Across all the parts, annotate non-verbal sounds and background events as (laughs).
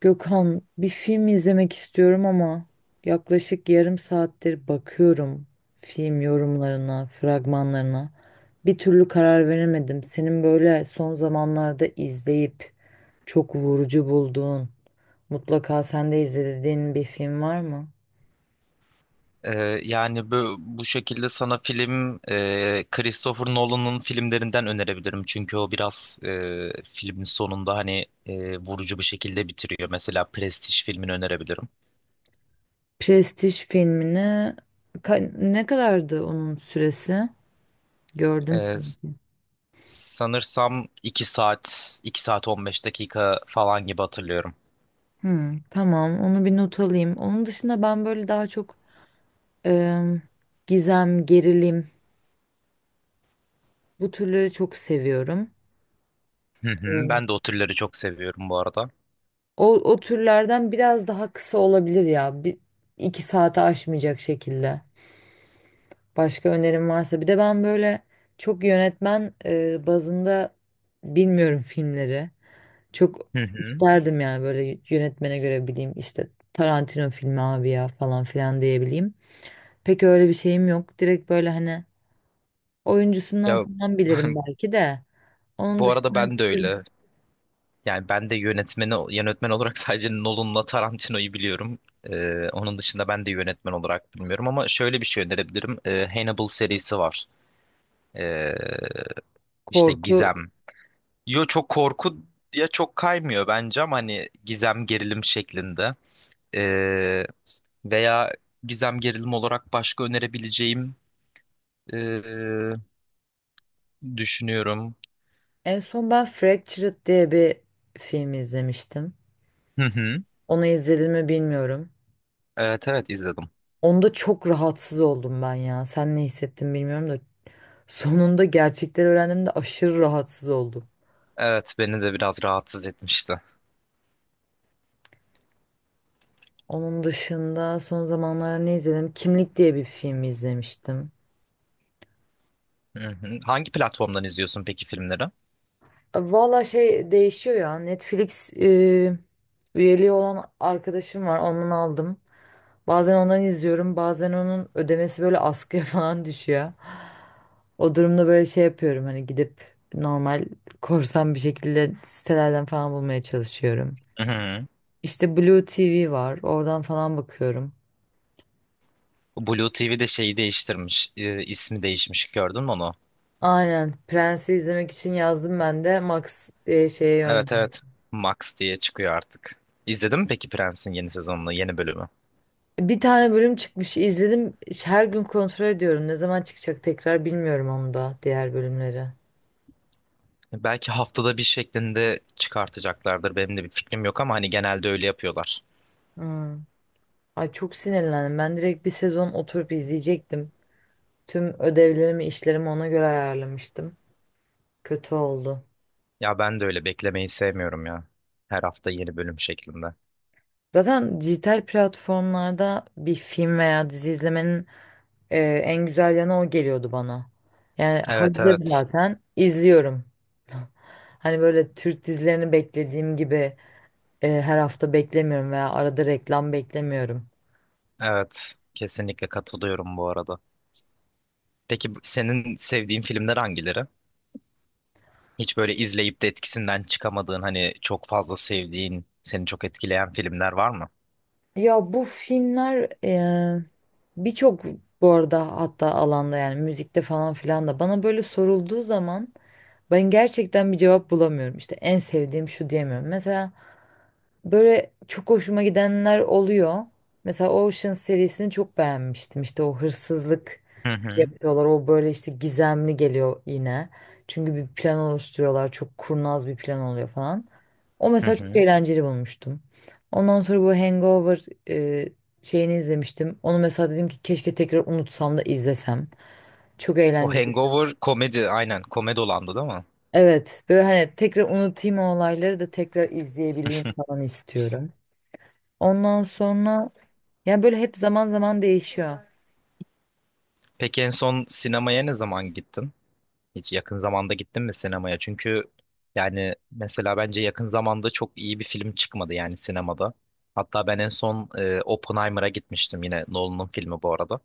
Gökhan, bir film izlemek istiyorum ama yaklaşık yarım saattir bakıyorum film yorumlarına, fragmanlarına. Bir türlü karar veremedim. Senin böyle son zamanlarda izleyip çok vurucu bulduğun, mutlaka sen de izlediğin bir film var mı? Yani bu şekilde sana film Christopher Nolan'ın filmlerinden önerebilirim. Çünkü o biraz filmin sonunda hani vurucu bir şekilde bitiriyor. Mesela Prestige filmini önerebilirim. Prestij filmini ne kadardı onun süresi? Gördüm. Ee, s- Sanırsam 2 saat, 2 saat 15 dakika falan gibi hatırlıyorum. Hmm, tamam, onu bir not alayım. Onun dışında ben böyle daha çok em, gizem, gerilim. Bu türleri çok seviyorum. Hı hı, ben de Ee, o türleri çok seviyorum bu arada. o türlerden biraz daha kısa olabilir ya. İki saate aşmayacak şekilde. Başka önerim varsa. Bir de ben böyle çok yönetmen bazında bilmiyorum filmleri. Çok Hı hı. isterdim yani böyle yönetmene göre bileyim işte Tarantino filmi abi ya falan filan diyebileyim. Pek öyle bir şeyim yok. Direkt böyle hani Ya oyuncusundan falan bilirim (laughs) belki de. Onun bu arada dışında bir ben de tür öyle. Yani ben de yönetmeni yönetmen olarak (laughs) sadece Nolan'la Tarantino'yu biliyorum. Onun dışında ben de yönetmen olarak bilmiyorum ama şöyle bir şey önerebilirim. Hannibal serisi var. Ee, işte korku. gizem. Yo, çok korku ya, çok kaymıyor bence ama hani gizem gerilim şeklinde. Ee, Veya gizem gerilim olarak başka önerebileceğim ee, düşünüyorum. En son ben Fractured diye bir film izlemiştim. Hı hı. Onu izledim mi bilmiyorum. Evet, evet izledim. Onda çok rahatsız oldum ben ya. Sen ne hissettin bilmiyorum da. Sonunda gerçekleri öğrendiğimde aşırı rahatsız oldum. Evet, beni de biraz rahatsız etmişti. Onun dışında son zamanlarda ne izledim? Kimlik diye bir film izlemiştim. Hı hı. Hangi platformdan izliyorsun peki filmleri? Valla şey değişiyor ya. Netflix üyeliği olan arkadaşım var. Ondan aldım. Bazen ondan izliyorum, bazen onun ödemesi böyle askıya (laughs) falan düşüyor. O durumda böyle şey yapıyorum hani gidip normal, korsan bir şekilde sitelerden falan bulmaya çalışıyorum. Hı hı. İşte Blue TV var, oradan falan bakıyorum. Blue TV'de şeyi değiştirmiş, ismi değişmiş. Gördün mü onu? Aynen, Prens'i izlemek için yazdım ben de Max diye şeye Evet, yönlendim. evet. Max diye çıkıyor artık. İzledin mi peki Prens'in yeni sezonunu, yeni bölümü? Bir tane bölüm çıkmış, izledim. Her gün kontrol ediyorum. Ne zaman çıkacak tekrar bilmiyorum onu da, diğer bölümleri. Belki haftada bir şeklinde çıkartacaklardır. Benim de bir fikrim yok ama hani genelde öyle yapıyorlar. Hmm. Ay çok sinirlendim. Ben direkt bir sezon oturup izleyecektim. Tüm ödevlerimi, işlerimi ona göre ayarlamıştım. Kötü oldu. Ya ben de öyle beklemeyi sevmiyorum ya. Her hafta yeni bölüm şeklinde. Zaten dijital platformlarda bir film veya dizi izlemenin en güzel yanı o geliyordu bana. Yani Evet, hazır evet. zaten izliyorum. (laughs) Hani böyle Türk dizilerini beklediğim gibi her hafta beklemiyorum veya arada reklam beklemiyorum. Evet. Kesinlikle katılıyorum bu arada. Peki senin sevdiğin filmler hangileri? Hiç böyle izleyip de etkisinden çıkamadığın, hani çok fazla sevdiğin, seni çok etkileyen filmler var mı? Ya bu filmler birçok bu arada hatta alanda, yani müzikte falan filan da bana böyle sorulduğu zaman ben gerçekten bir cevap bulamıyorum. İşte en sevdiğim şu diyemiyorum. Mesela böyle çok hoşuma gidenler oluyor. Mesela Ocean serisini çok beğenmiştim. İşte o hırsızlık Hı hı. yapıyorlar. O böyle işte gizemli geliyor yine. Çünkü bir plan oluşturuyorlar. Çok kurnaz bir plan oluyor falan. O Hı mesela çok hı. eğlenceli bulmuştum. Ondan sonra bu Hangover şeyini izlemiştim. Onu mesela dedim ki keşke tekrar unutsam da izlesem. Çok O eğlenceli. Hangover komedi, aynen, komedi olandı değil mi? Evet, böyle hani tekrar unutayım o olayları da tekrar izleyebileyim falan istiyorum. Ondan sonra yani böyle hep zaman zaman değişiyor. Peki en son sinemaya ne zaman gittin? Hiç yakın zamanda gittin mi sinemaya? Çünkü yani mesela bence yakın zamanda çok iyi bir film çıkmadı yani sinemada. Hatta ben en son Oppenheimer'a gitmiştim, yine Nolan'ın filmi bu arada.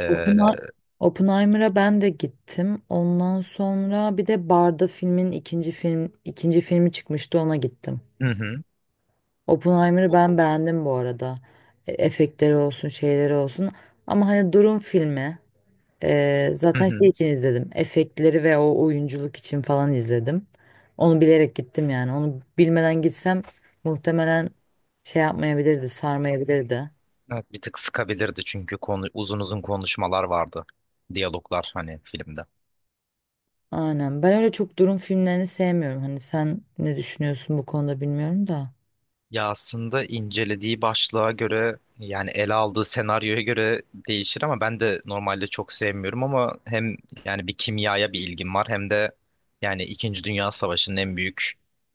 E, Oppena- Oppenheimer'a ben de gittim. Ondan sonra bir de Barda filmin ikinci film ikinci filmi çıkmıştı, ona gittim. hı hı. Oppenheimer'ı O- ben beğendim bu arada. E, efektleri olsun, şeyleri olsun. Ama hani durum filmi. Hı Zaten şey hı. için izledim. Efektleri ve o oyunculuk için falan izledim. Onu bilerek gittim yani. Onu bilmeden gitsem muhtemelen şey yapmayabilirdi, sarmayabilirdi. Evet, bir tık sıkabilirdi çünkü konu, uzun uzun konuşmalar vardı. Diyaloglar hani filmde. Aynen. Ben öyle çok durum filmlerini sevmiyorum. Hani sen ne düşünüyorsun bu konuda bilmiyorum da. Ya aslında incelediği başlığa göre, yani ele aldığı senaryoya göre değişir ama ben de normalde çok sevmiyorum ama hem yani bir kimyaya bir ilgim var hem de yani İkinci Dünya Savaşı'nın en büyük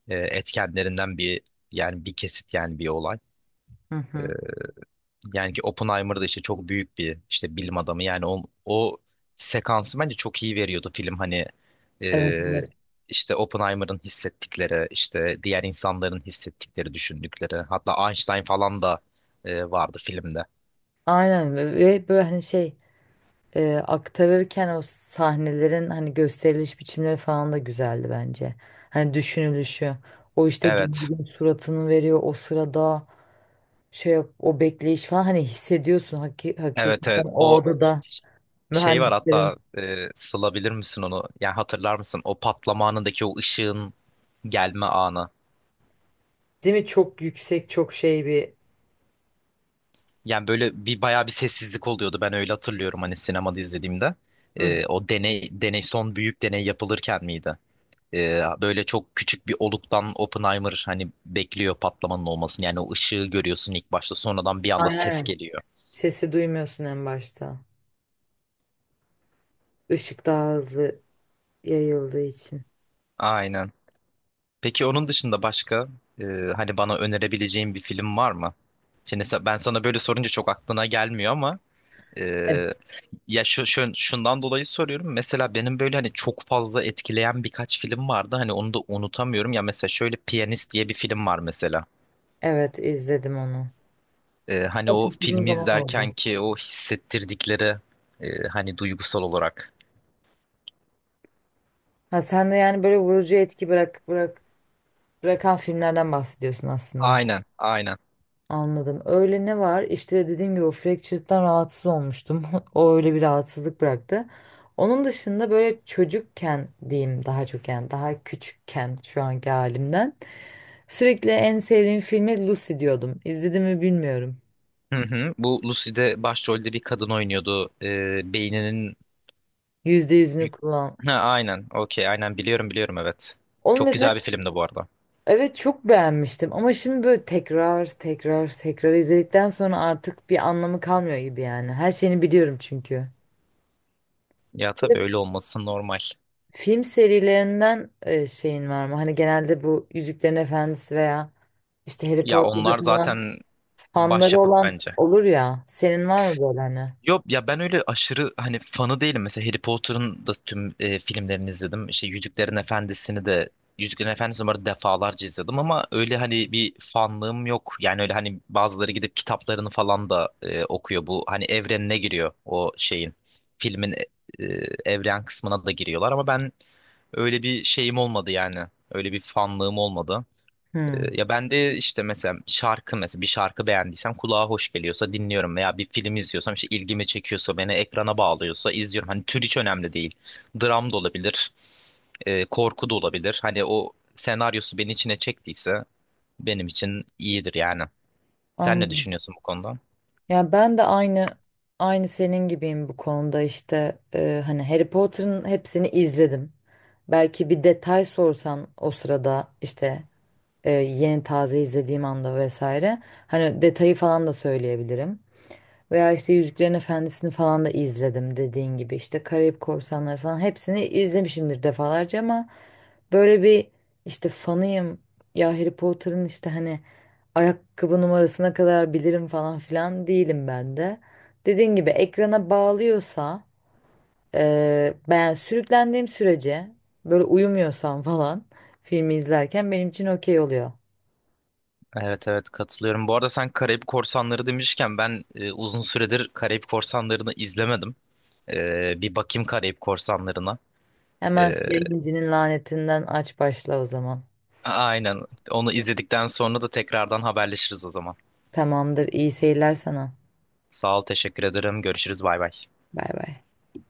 etkenlerinden bir, yani bir kesit, yani bir olay. Hı hı. E, Yani ki Oppenheimer da işte çok büyük bir işte bilim adamı. Yani o sekansı bence çok iyi veriyordu film. Hani Evet, e, evet. işte Oppenheimer'ın hissettikleri, işte diğer insanların hissettikleri, düşündükleri. Hatta Einstein falan da vardı filmde. Aynen. Ve böyle hani şey aktarırken o sahnelerin hani gösteriliş biçimleri falan da güzeldi bence. Hani düşünülüşü. O işte Evet. gezgin suratını veriyor o sırada, o bekleyiş falan hani hissediyorsun, Evet, hakikaten evet. o O odada şey var mühendislerin, hatta, sılabilir misin onu? Yani hatırlar mısın? O patlama anındaki o ışığın gelme anı. değil mi, çok yüksek çok şey bir. Yani böyle bir bayağı bir sessizlik oluyordu. Ben öyle hatırlıyorum hani sinemada izlediğimde. Hı. O deney son büyük deney yapılırken miydi? Böyle çok küçük bir oluktan Oppenheimer hani bekliyor patlamanın olmasını. Yani o ışığı görüyorsun ilk başta. Sonradan bir anda ses Aynen. geliyor. Sesi duymuyorsun en başta. Işık daha hızlı yayıldığı için. Aynen. Peki onun dışında başka e, hani bana önerebileceğin bir film var mı? Şimdi ben sana böyle sorunca çok aklına gelmiyor ama Evet, ya şundan dolayı soruyorum. Mesela benim böyle hani çok fazla etkileyen birkaç film vardı. Hani onu da unutamıyorum. Ya mesela şöyle Piyanist diye bir film var mesela. evet izledim onu. Hani o Çok uzun filmi zaman izlerken oldu. ki o hissettirdikleri, hani duygusal olarak. Ha, sen de yani böyle vurucu etki bırak bırak Bırakan filmlerden bahsediyorsun aslında. Aynen, aynen. Anladım. Öyle ne var? İşte dediğim gibi o fractured'dan rahatsız olmuştum. (laughs) O öyle bir rahatsızlık bıraktı. Onun dışında böyle çocukken diyeyim daha çok, yani daha küçükken şu anki halimden sürekli en sevdiğim filmi Lucy diyordum. İzledim mi bilmiyorum. Hı hı. Bu Lucy'de başrolde bir kadın oynuyordu. Beyninin... Yüzde yüzünü kullan. Ha, aynen. Okey. Aynen, biliyorum, biliyorum, evet. Onu Çok güzel mesela bir filmdi bu arada. evet çok beğenmiştim ama şimdi böyle tekrar tekrar tekrar izledikten sonra artık bir anlamı kalmıyor gibi yani. Her şeyini biliyorum çünkü. Ya tabii öyle olması normal. Film serilerinden şeyin var mı? Hani genelde bu Yüzüklerin Efendisi veya işte Harry Ya Potter'da onlar falan zaten fanları başyapıt olan bence. olur ya. Senin var mı böyle hani? Yok ya, ben öyle aşırı hani fanı değilim. Mesela Harry Potter'ın da tüm filmlerini izledim. İşte Yüzüklerin Efendisi'ni bu arada defalarca izledim ama öyle hani bir fanlığım yok. Yani öyle hani bazıları gidip kitaplarını falan da okuyor. Bu hani evrenine giriyor o şeyin. Filmin evren kısmına da giriyorlar ama ben öyle bir şeyim olmadı yani. Öyle bir fanlığım olmadı. Hmm, Ya ben de işte mesela şarkı, mesela bir şarkı beğendiysem kulağa hoş geliyorsa dinliyorum veya bir film izliyorsam işte ilgimi çekiyorsa, beni ekrana bağlıyorsa izliyorum. Hani tür hiç önemli değil. Dram da olabilir, korku da olabilir. Hani o senaryosu beni içine çektiyse benim için iyidir yani. Sen ne anladım. düşünüyorsun bu konuda? Ya ben de aynı senin gibiyim bu konuda, işte hani Harry Potter'ın hepsini izledim. Belki bir detay sorsan o sırada işte yeni taze izlediğim anda vesaire hani detayı falan da söyleyebilirim. Veya işte Yüzüklerin Efendisi'ni falan da izledim dediğin gibi. İşte Karayip Korsanları falan hepsini izlemişimdir defalarca ama böyle bir işte fanıyım. Ya Harry Potter'ın işte hani ayakkabı numarasına kadar bilirim falan filan değilim ben de. Dediğin gibi ekrana bağlıyorsa ben yani sürüklendiğim sürece böyle uyumuyorsam falan filmi izlerken benim için okey oluyor. Evet, evet, katılıyorum. Bu arada sen Karayip Korsanları demişken ben uzun süredir Karayip Korsanları'nı izlemedim. Bir bakayım Karayip Korsanları'na. Hemen E, Siyah İnci'nin lanetinden aç başla o zaman. Aynen. Onu izledikten sonra da tekrardan haberleşiriz o zaman. Tamamdır, iyi seyirler sana. Sağ ol, teşekkür ederim. Görüşürüz, bay bay. Bay bay.